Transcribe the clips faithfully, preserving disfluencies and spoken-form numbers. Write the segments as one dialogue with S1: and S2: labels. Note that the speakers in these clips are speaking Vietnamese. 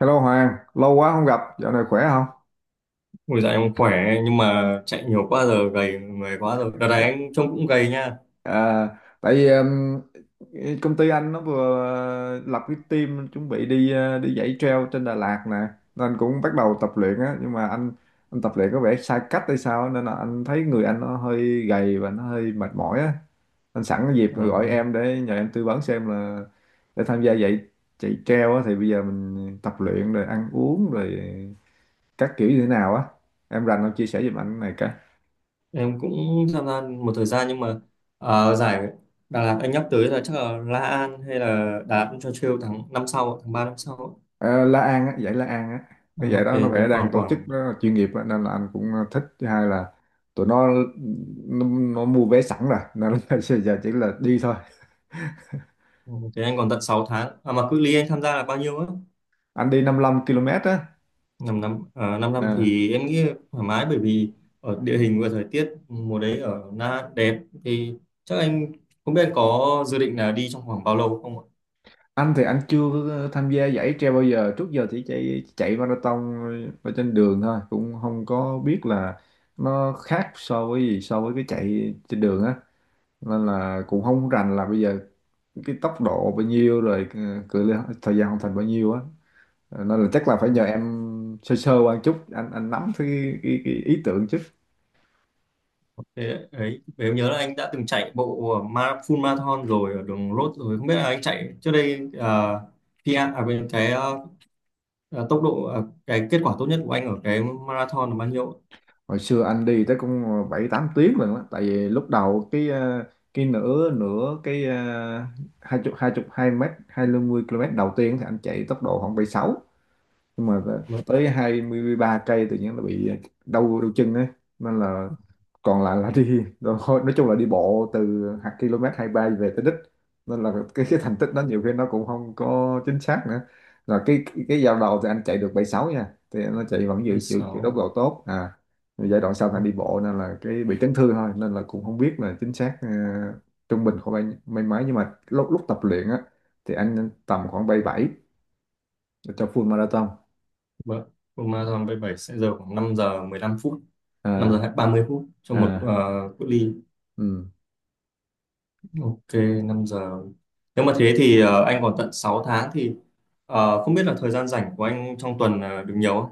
S1: Hello Hoàng, lâu quá không gặp, dạo này khỏe không?
S2: Ôi dạ, em khỏe nhưng mà chạy nhiều quá giờ gầy người quá rồi. Đợt này anh trông cũng gầy nha.
S1: À, tại vì um, công ty anh nó vừa uh, lập cái team chuẩn bị đi uh, đi dãy trail trên Đà Lạt nè, nên cũng bắt đầu tập luyện á, nhưng mà anh anh tập luyện có vẻ sai cách hay sao á, nên là anh thấy người anh nó hơi gầy và nó hơi mệt mỏi á. Anh sẵn cái dịp
S2: Ờ,
S1: rồi gọi em để nhờ em tư vấn xem là để tham gia dãy chạy trail á thì bây giờ mình tập luyện rồi ăn uống rồi các kiểu như thế nào á. Em rành không chia sẻ giùm anh cái này?
S2: em cũng tham gia một thời gian nhưng mà ờ, giải Đà Lạt anh nhắc tới là chắc là La An hay là Đà Lạt cho Trail tháng năm sau, tháng ba năm sau.
S1: Ờ, La An á, giải La An á.
S2: À,
S1: Cái giải
S2: ok,
S1: đó nó
S2: thì
S1: vẽ đang
S2: còn
S1: tổ chức
S2: khoảng
S1: nó chuyên nghiệp á, nên là anh cũng ờ, thích. Thứ hai là tụi nó nó, nó mua vé sẵn rồi nên là giờ chỉ là đi thôi.
S2: thế anh còn tận sáu tháng. À mà cự ly anh tham gia là bao nhiêu á?
S1: Anh đi năm lăm ki lô mét á.
S2: Năm năm uh, 5
S1: Ờ.
S2: năm thì em nghĩ thoải mái, bởi vì ở địa hình và thời tiết mùa đấy ở Na đẹp thì chắc anh không biết anh có dự định là đi trong khoảng bao lâu không.
S1: Anh thì anh chưa có tham gia giải trail bao giờ. Trước giờ chỉ chạy chạy marathon ở trên đường thôi, cũng không có biết là nó khác so với gì so với cái chạy trên đường á. Nên là cũng không rành là bây giờ cái tốc độ bao nhiêu rồi ờ, cự ly thời gian hoàn thành bao nhiêu á, nên là chắc là phải nhờ em sơ sơ qua chút anh anh nắm cái, cái, cái ý tưởng chứ.
S2: Thế ấy, em nhớ là anh đã từng chạy bộ ờ, ma- full marathon rồi ở đường road rồi, không biết là anh chạy trước đây à, khi à, à, bên cái à, tốc độ à, cái kết quả tốt nhất của anh ở cái marathon là bao nhiêu?
S1: Hồi xưa anh đi tới cũng bảy tám tiếng lần đó, tại vì lúc đầu cái ờ, cái nửa nửa cái ờ, hai chục hai chục hai mét hai mươi km đầu tiên thì anh chạy tốc độ khoảng bảy sáu, nhưng mà
S2: Vâng,
S1: tới hai mươi ba cây tự nhiên là bị đau đau chân ấy, nên là còn lại là đi thôi, nói chung là đi bộ từ hạt km hai mươi ba về tới đích, nên là cái cái thành tích đó nhiều khi nó cũng không có chính xác nữa, là cái cái, cái giao đầu thì anh chạy được bảy sáu nha, thì nó chạy vẫn giữ giữ, giữ tốc
S2: bảy sáu.
S1: độ tốt à. Rồi giai đoạn sau thằng
S2: Vâng,
S1: đi bộ nên là cái bị chấn thương thôi, nên là cũng không biết là chính xác, ờ, trung bình khoảng bao nhiêu- mấy mấy, nhưng mà lúc lúc tập luyện á thì anh tầm khoảng bảy bảy cho full marathon.
S2: vâng. Full marathon bảy bảy sẽ giờ khoảng năm giờ mười lăm phút, năm
S1: À,
S2: giờ ba mươi phút cho một
S1: à.
S2: à, cự ly.
S1: Ừ.
S2: Ok, năm giờ, nếu mà thế thì à, anh còn tận sáu tháng, thì à, không biết là thời gian rảnh của anh trong tuần à, được nhiều không?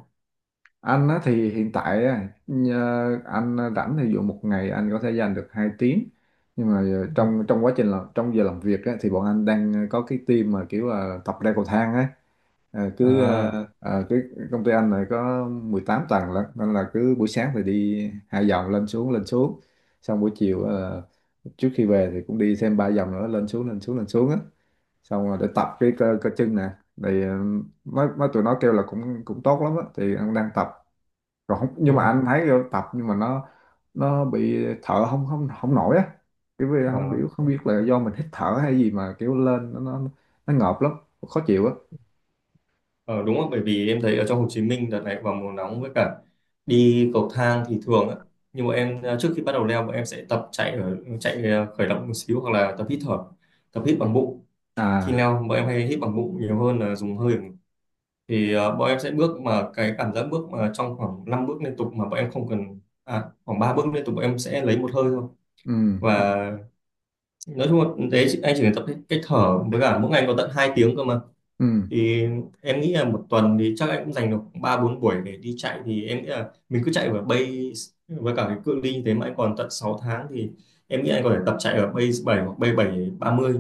S1: Anh á, thì hiện tại á, nhờ- anh rảnh thì dụ một ngày anh có thể dành được hai tiếng, nhưng mà ờ,
S2: Ừ.
S1: trong trong quá trình làm trong giờ làm việc á, thì bọn anh đang có cái team mà kiểu là tập leo cầu thang á. Ờ, cứ ờ,
S2: À,
S1: ờ, cái công ty anh này có mười tám tầng lận, nên là cứ buổi sáng thì đi hai vòng lên xuống lên xuống, xong buổi chiều ờ, trước khi về thì cũng đi thêm ba vòng nữa lên xuống lên xuống lên xuống á, xong rồi để tập cái cơ, cơ chân nè, thì ờ, mấy mấy tụi nó kêu là cũng cũng tốt lắm á, thì anh đang tập rồi không, nhưng
S2: đúng
S1: mà
S2: rồi.
S1: anh thấy vô tập nhưng mà nó nó bị thở không không không nổi á, kiểu vì
S2: Ờ,
S1: không biết không biết là do mình hít thở hay gì mà kiểu lên nó nó nó ngợp lắm, khó chịu á.
S2: Ờ, đúng rồi, bởi vì em thấy ở trong Hồ Chí Minh đợt này vào mùa nóng, với cả đi cầu thang thì thường á. Nhưng mà em à, trước khi bắt đầu leo, bọn em sẽ tập chạy ở chạy à, khởi động một xíu, hoặc là tập hít thở, tập hít
S1: Ừ.
S2: bằng bụng. Khi
S1: À.
S2: leo bọn em hay hít bằng bụng nhiều hơn là dùng hơi. Thì à, bọn em sẽ bước mà cái cảm giác bước mà trong khoảng năm bước liên tục mà bọn em không cần, à khoảng ba bước liên tục bọn em sẽ lấy một hơi thôi.
S1: Ừ,
S2: Và nói chung là đấy, anh chỉ cần tập cách cách thở, với cả mỗi ngày có tận hai tiếng cơ mà,
S1: ừ, ừ.
S2: thì em nghĩ là một tuần thì chắc em cũng dành được ba bốn buổi để đi chạy, thì em nghĩ là mình cứ chạy ở base với cả cái cự ly như thế mà anh còn tận sáu tháng thì em nghĩ anh có thể tập chạy ở base bảy hoặc base bảy ba mươi,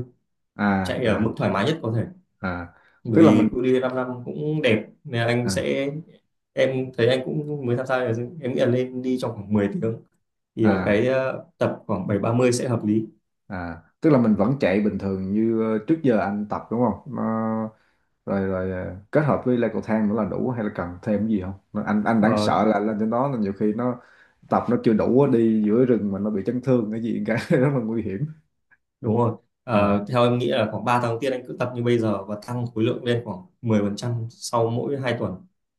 S1: À,
S2: chạy ở
S1: à.
S2: mức thoải mái nhất có thể,
S1: À,
S2: bởi
S1: tức là mình
S2: vì cự ly 5 năm cũng đẹp nên là anh
S1: à
S2: sẽ em thấy anh cũng mới tham gia rồi em nghĩ là nên đi trong khoảng mười tiếng, thì ở
S1: à
S2: cái ờ, tập khoảng bảy ba mươi sẽ hợp lý.
S1: à tức là mình vẫn chạy bình thường như ờ, trước giờ anh tập đúng không Nó- Rồi, rồi, ờ, kết hợp với leo cầu thang nữa là đủ, hay là cần thêm gì không Nó- anh anh đang
S2: Ờ.
S1: sợ là lên trên đó là nhiều khi nó tập nó chưa đủ á, đi giữa rừng mà nó bị chấn thương cái gì cả rất là nguy hiểm.
S2: Đúng rồi.
S1: À.
S2: Ờ, theo em nghĩ là khoảng ba tháng đầu tiên anh cứ tập như bây giờ và tăng khối lượng lên khoảng mười phần trăm sau mỗi hai tuần.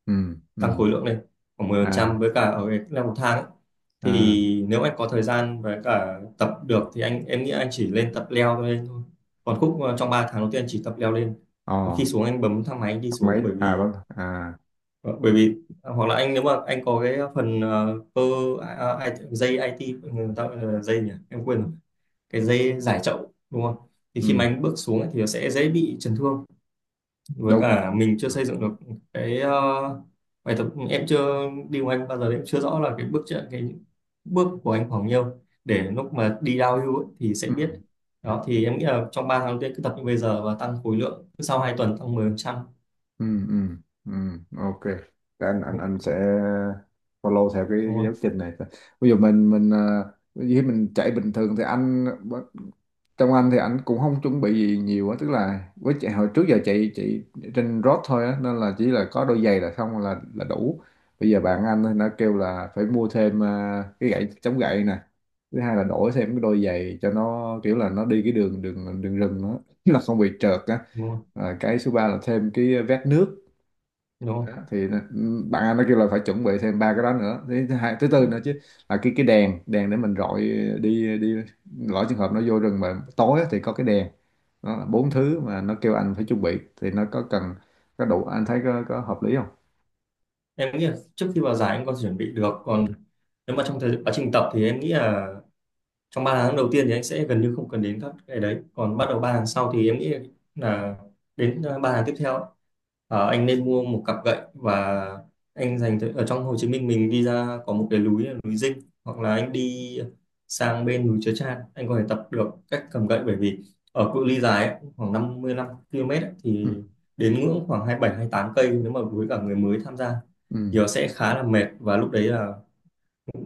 S1: Ừ,
S2: Tăng
S1: ừ.
S2: khối lượng lên khoảng mười phần
S1: À,
S2: trăm với cả ở cái là một tháng ấy.
S1: à.
S2: Thì nếu anh có thời gian với cả tập được thì anh em nghĩ anh chỉ lên tập leo lên thôi. Còn khúc ờ, trong ba tháng đầu tiên anh chỉ tập leo lên.
S1: Ồ.
S2: Còn khi xuống anh bấm thang máy anh đi
S1: Mấy.
S2: xuống, bởi
S1: À.
S2: vì
S1: Vâng. À.
S2: ờ, bởi vì à, hoặc là anh, nếu mà anh có cái phần ờ, cơ à, à, dây i tê, người ta gọi là dây nhỉ em quên rồi, cái dây giải chậu, đúng không, thì khi mà
S1: Ừ.
S2: anh bước xuống ấy thì nó sẽ dễ bị chấn thương với
S1: Đúng rồi.
S2: cả mình chưa
S1: Ừ,
S2: xây dựng được cái, ờ, bài tập. Em chưa đi cùng anh bao giờ em chưa rõ là cái bước chạy- cái bước của anh khoảng nhiêu, để lúc mà đi downhill ấy thì sẽ
S1: ừ,
S2: biết. Đó thì em nghĩ là trong ba tháng đầu tiên cứ tập như bây giờ và tăng khối lượng cứ sau hai tuần tăng mười phần trăm,
S1: ừ, ừ, ừ. Ok. Để anh anh
S2: đúng
S1: anh sẽ follow theo cái,
S2: đúng
S1: cái giáo
S2: không,
S1: trình này. Ví dụ mình mình ờ, ví dụ mình chạy bình thường thì anh, trong anh thì anh cũng không chuẩn bị gì nhiều á, tức là với chạy hồi trước giờ chạy chạy trên road thôi á, nên là chỉ là có đôi giày là xong là là đủ. Bây giờ bạn anh thì nó kêu là phải mua thêm ờ, cái gậy chống gậy nè. Thứ hai là đổi thêm cái đôi giày cho nó, kiểu là nó đi cái đường đường đường rừng nữa là không bị trượt á.
S2: đúng không,
S1: À, cái số ba là thêm cái ờ, vét nước.
S2: đúng không?
S1: Đó, thì nó- ừ, bạn anh nó kêu là phải chuẩn bị thêm ba cái đó nữa, thứ thứ hai thứ tư nữa chứ, là cái cái đèn đèn để mình rọi đi đi, lỡ trường hợp nó vô rừng mà tối á thì có cái đèn. Đó là bốn thứ mà nó kêu anh phải chuẩn bị, thì nó có cần có đủ, anh thấy có, có hợp lý không?
S2: Em nghĩ là trước khi vào giải anh có thể chuẩn bị được, còn nếu mà trong thời quá trình tập thì em nghĩ là trong ba tháng đầu tiên thì anh sẽ gần như không cần đến các cái đấy, còn bắt đầu ba tháng sau thì em nghĩ là đến ờ, ba tháng tiếp theo ấy, ờ, anh nên mua một cặp gậy, và anh dành thời- ở trong Hồ Chí Minh mình đi ra có một cái núi là núi Dinh, hoặc là anh đi sang bên núi Chớ Chan anh có thể tập được cách cầm gậy, bởi vì ở cự ly dài ấy, khoảng năm mươi lăm ki lô mét ấy,
S1: Ừ.
S2: thì
S1: Ừ,
S2: đến ngưỡng khoảng hai bảy, hai tám cây nếu mà với cả người mới tham gia thì
S1: ừ.
S2: nó sẽ khá là mệt, và lúc đấy là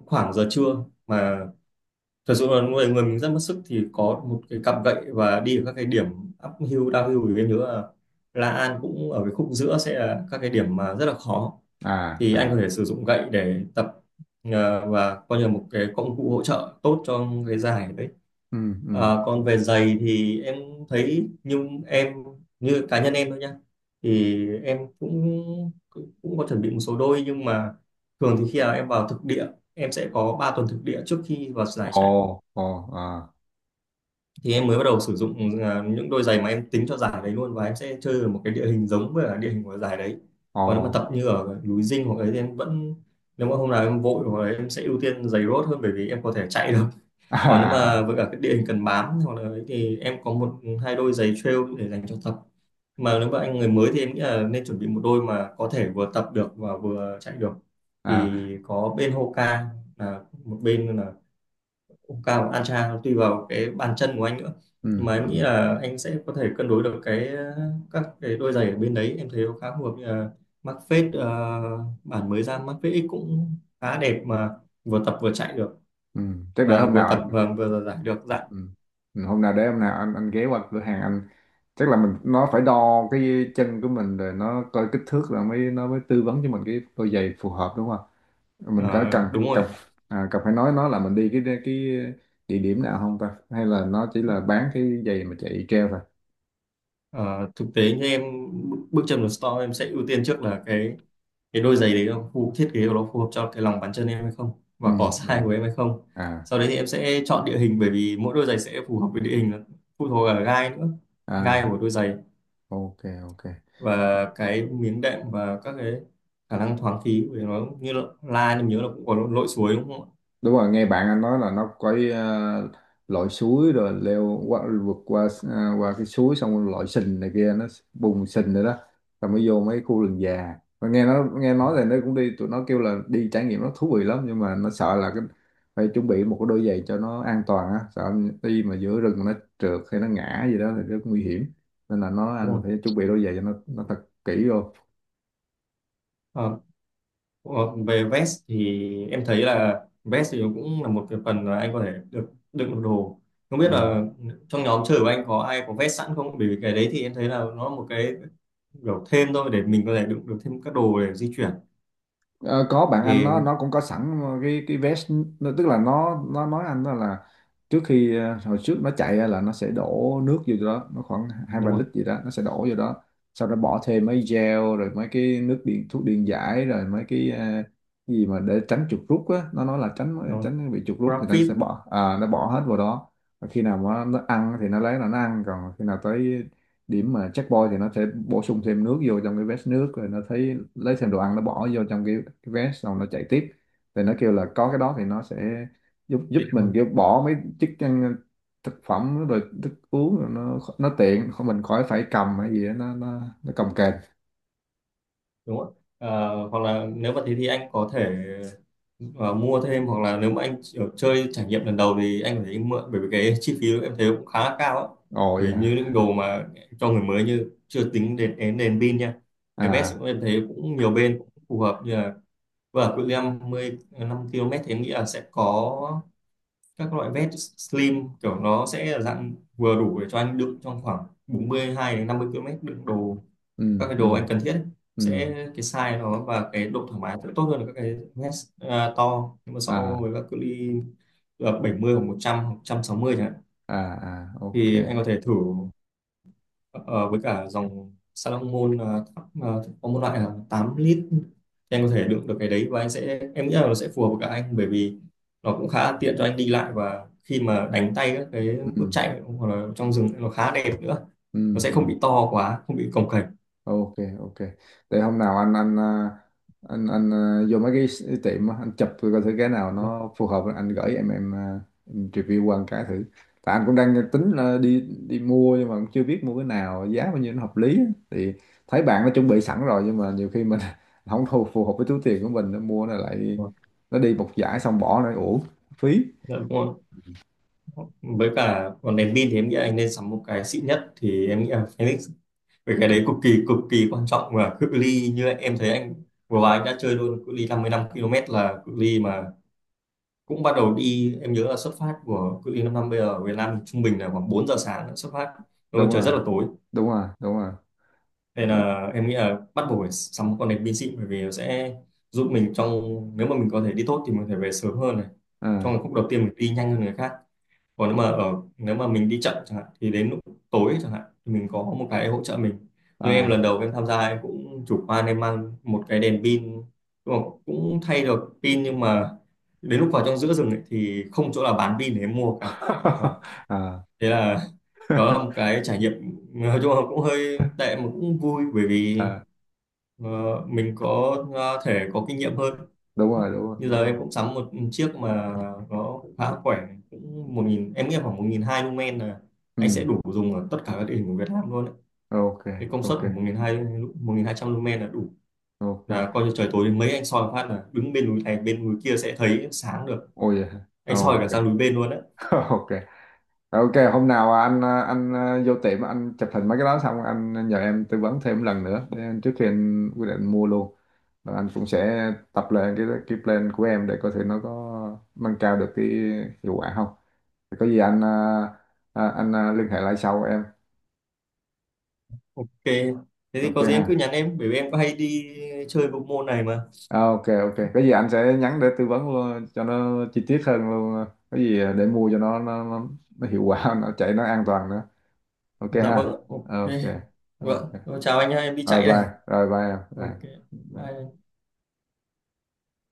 S2: khoảng giờ trưa mà thật sự là người người mình rất mất sức, thì có một cái cặp gậy và đi ở các cái điểm uphill downhill, thì em nhớ là La An cũng ở cái khúc giữa sẽ là các cái điểm mà rất là khó,
S1: À,
S2: thì anh có
S1: à.
S2: thể sử dụng gậy để tập, ờ, và coi như là một cái công cụ hỗ trợ tốt cho cái giải đấy.
S1: Ừ, ừ.
S2: Ờ, còn về giày thì em thấy như em, như cá nhân em thôi nhá, thì em cũng cũng có chuẩn bị một số đôi, nhưng mà thường thì khi nào em vào thực địa em sẽ có ba tuần thực địa trước khi vào giải chạy
S1: Ồ, ồ. À.
S2: thì em mới bắt đầu sử dụng à, những đôi giày mà em tính cho giải đấy luôn, và em sẽ chơi ở một cái địa hình giống với cả địa hình của giải đấy.
S1: Ồ.
S2: Còn nếu mà tập như ở núi Dinh hoặc ấy thì em vẫn, nếu mà hôm nào em vội hoặc là em sẽ ưu tiên giày road hơn, bởi vì em có thể chạy được. Còn nếu
S1: À,
S2: mà với cả cái địa hình cần bám hoặc là ấy thì em có một hai đôi giày trail để dành cho tập, mà nếu mà anh người mới thì em nghĩ là nên chuẩn bị một đôi mà có thể vừa tập được và vừa chạy được,
S1: à.
S2: thì có bên Hoka, là một bên là Cao và Ancha, tùy vào cái bàn chân của anh nữa, nhưng
S1: Ừ,
S2: mà em nghĩ
S1: ừ,
S2: là anh sẽ có thể cân đối được cái, các cái đôi giày ở bên đấy em thấy nó khá phù hợp, như là Mac Fade ờ, bản mới ra Mac Fade X cũng khá đẹp mà vừa tập vừa chạy được,
S1: ừ. Chắc để
S2: mà
S1: hôm
S2: vừa
S1: nào
S2: tập
S1: anh.
S2: và vừa giải được dạ.
S1: Ừ. Ừ, hôm nào để hôm nào anh anh ghé qua cửa hàng anh, chắc là mình nó phải đo cái chân của mình rồi nó coi kích thước rồi mới nó mới tư vấn cho mình cái đôi giày phù hợp đúng không? Mình có cần
S2: Ờ, đúng rồi
S1: cần à, cần phải nói nó là mình đi cái cái địa điểm nào không ta? Hay là nó chỉ
S2: ạ.
S1: là bán cái giày mà chạy treo thôi?
S2: Ờ, thực tế như em bước chân vào store em sẽ ưu tiên trước là cái cái đôi giày đấy nó phù thiết kế của nó phù hợp cho cái lòng bàn chân em hay không, và
S1: Ừ,
S2: cỏ size
S1: ừ.
S2: của em hay không.
S1: À,
S2: Sau đấy thì em sẽ chọn địa hình, bởi vì mỗi đôi giày sẽ phù hợp với địa hình, nó phụ thuộc ở gai nữa, gai
S1: à,
S2: của đôi giày
S1: ok, ok.
S2: và cái miếng đệm và các cái khả năng thoáng khí của nó, như là, la em nhớ là cũng có lội suối đúng không ạ.
S1: Đúng rồi, nghe bạn anh nói là nó có uh, lội suối rồi leo qua vượt qua à, qua cái suối, xong rồi lội sình này kia, nó bùn sình rồi đó, rồi mới vô mấy khu rừng già. Mà nghe nó nghe nói là nó cũng đi, tụi nó kêu là đi trải nghiệm nó thú vị lắm, nhưng mà nó sợ là cái phải chuẩn bị một cái đôi giày cho nó an toàn á, sợ đi mà giữa rừng nó trượt hay nó ngã gì đó thì rất nguy hiểm, nên là nó
S2: Đúng
S1: anh
S2: rồi.
S1: phải chuẩn bị đôi giày cho nó nó thật kỹ vô.
S2: Ờ, ờ, về vest thì em thấy là vest thì nó cũng là một cái phần là anh có thể được đựng được đồ, không
S1: Ừ.
S2: biết là trong nhóm chơi của anh có ai có vest sẵn không, bởi vì cái đấy thì em thấy là nó là một cái kiểu thêm thôi, để mình có thể đựng được thêm các đồ để di chuyển,
S1: Ờ, có bạn anh
S2: thì
S1: nó nó cũng có sẵn cái cái vest, nó, tức là nó nó nói anh đó là, trước khi ờ, hồi trước nó chạy á, là nó sẽ đổ nước vô đó, nó khoảng hai ba
S2: đúng rồi,
S1: lít gì đó nó sẽ đổ vô đó, sau đó bỏ thêm mấy gel rồi mấy cái nước điện thuốc điện giải rồi mấy cái ờ, cái gì mà để tránh chuột rút á, nó nói là tránh
S2: đúng rồi.
S1: tránh bị chuột rút thì nó sẽ
S2: GrabFit.
S1: bỏ, à, nó bỏ hết vào đó. Và khi nào mà nó ăn thì nó lấy là nó ăn, còn khi nào tới điểm mà checkpoint thì nó sẽ bổ sung thêm nước vô trong cái vest nước, rồi nó thấy lấy thêm đồ ăn nó bỏ vô trong cái, cái vest, xong nó chạy tiếp. Thì nó kêu là có cái đó thì nó sẽ giúp giúp
S2: thì-
S1: mình,
S2: đúng
S1: kiểu bỏ mấy chức năng thực phẩm rồi thức uống rồi, nó nó tiện, không mình khỏi phải cầm hay gì đó, nó nó nó cầm kềnh.
S2: đúng rồi. Ờ, hoặc là nếu mà thế thì anh có thể ờ, mua thêm, hoặc là nếu mà anh chỉ- chơi trải nghiệm lần đầu thì anh có thể mượn, bởi vì cái chi phí em thấy cũng khá là cao á.
S1: Ồ,
S2: Vì
S1: dạ.
S2: như những đồ mà cho người mới như chưa tính đến đến đèn pin nha. Cái vest
S1: À.
S2: cũng em thấy cũng nhiều bên cũng phù hợp, như là vừa cự ly năm mươi năm ki lô mét thì em nghĩ là sẽ có các loại vest slim, kiểu nó sẽ là dạng vừa đủ để cho anh đựng trong khoảng bốn mươi hai đến năm mươi ki lô mét đựng đồ,
S1: Ừ,
S2: các cái đồ
S1: ừ,
S2: anh cần thiết ấy. Sẽ
S1: ừ.
S2: cái size nó và cái độ thoải mái sẽ tốt hơn là các cái vest à, to, nhưng mà so
S1: À,
S2: với các cự ly là bảy mươi hoặc một trăm hoặc một trăm sáu mươi chẳng hạn,
S1: à, à. Ok.
S2: thì anh có thể thử. Ờ, với cả dòng Salomon ờ, thấp, ờ, có một loại là tám lít thì anh có thể đựng được cái đấy, và anh sẽ em nghĩ là nó sẽ phù hợp với cả anh, bởi vì nó cũng khá tiện cho anh đi lại và khi mà đánh tay các cái bước
S1: Ừ,
S2: chạy hoặc là trong rừng nó khá đẹp nữa, nó
S1: ừ,
S2: sẽ không
S1: ừ.
S2: bị to quá, không bị cồng kềnh.
S1: Ok, ok. Để hôm nào anh anh à, anh anh à, vô mấy cái, s- tiệm á, anh chụp coi thử cái nào
S2: Vâng,
S1: nó phù hợp, anh gửi em em, à, em review qua một cái thử. Tại anh cũng đang tính là đi đi mua, nhưng mà cũng chưa biết mua cái nào giá bao nhiêu nó hợp lý á. Thì thấy bạn nó chuẩn bị sẵn rồi, nhưng mà nhiều khi mình không thu phù hợp với túi tiền của mình, nó mua nó lại
S2: vâng.
S1: nó đi một giải xong bỏ nó uổng phí.
S2: Dạ, đúng rồi. Với cả còn đèn pin thì em nghĩ anh nên sắm một cái xịn nhất, thì em nghĩ là Phoenix, về cái
S1: Ừ,
S2: đấy cực kỳ cực kỳ quan trọng, và cự ly như em thấy anh vừa rồi anh đã chơi luôn cự ly năm mươi lăm ki lô mét là cự ly mà cũng bắt đầu đi, em nhớ là xuất phát của cự ly 5 năm bây giờ ở Việt Nam thì trung bình là khoảng bốn giờ sáng đã xuất phát, đúng
S1: đúng
S2: trời
S1: rồi,
S2: rất là tối.
S1: đúng rồi, đúng rồi.
S2: Nên là em nghĩ là bắt buộc phải sắm một con đèn pin xịn, bởi vì nó sẽ giúp mình trong, nếu mà mình có thể đi tốt thì mình có thể về sớm hơn này,
S1: À,
S2: trong khúc đầu tiên mình đi nhanh hơn người khác, còn nếu mà ở, nếu mà mình đi chậm chẳng hạn thì đến lúc tối chẳng hạn thì mình có một cái hỗ trợ mình, như em lần
S1: à.
S2: đầu em tham gia em cũng chủ quan em mang một cái đèn pin, nhưng mà cũng thay được pin, nhưng mà đến lúc vào trong giữa rừng ấy thì không chỗ nào bán pin để em mua cả, đó thế là đó là một cái trải nghiệm nói chung là cũng hơi tệ mà cũng vui, bởi vì
S1: À.
S2: Ờ, mình có ờ, thể có kinh nghiệm hơn.
S1: Đúng
S2: Đó.
S1: rồi, đúng rồi,
S2: Như
S1: đúng
S2: giờ
S1: rồi.
S2: em cũng sắm một chiếc mà nó cũng khá khỏe, cũng một nghìn em nghĩ khoảng một nghìn hai lumen là anh sẽ
S1: Ừ.
S2: đủ dùng ở tất cả các địa hình của Việt Nam luôn đấy.
S1: Ok,
S2: Cái công suất
S1: ok,
S2: của một nghìn hai trăm, một nghìn hai trăm lumen là đủ,
S1: ok.
S2: là coi như trời tối đến mấy anh soi một phát là đứng bên núi này bên núi kia sẽ thấy sáng được,
S1: Ôi vậy hả?
S2: anh soi
S1: Ok.
S2: cả sang núi bên luôn đấy.
S1: Ok, ok, hôm nào anh ờ, anh ờ, vô tiệm anh chụp hình mấy cái đó xong anh nhờ em tư vấn thêm lần nữa để anh- trước khi anh quyết định mua luôn. Và anh cũng sẽ tập lên cái cái plan của em để coi thử nó có nâng cao được cái hiệu quả không. Thì có gì anh à, à, anh à, liên hệ lại sau em.
S2: Ok, thế thì
S1: Ok
S2: có gì em cứ
S1: ha.
S2: nhắn em, bởi vì em có hay đi chơi bộ môn này mà.
S1: À, ok, ok, cái gì anh sẽ nhắn để tư vấn luôn cho nó chi tiết hơn luôn, cái gì để mua cho nó nó nó, nó hiệu quả, nó chạy nó an toàn nữa. Ok
S2: Dạ, vâng,
S1: ha.
S2: ok.
S1: Ok, ok.
S2: Vâng, chào anh nhá, em đi
S1: Rồi
S2: chạy đây.
S1: bye, rồi bye em.
S2: Ok,
S1: Bye. Bye.
S2: bye.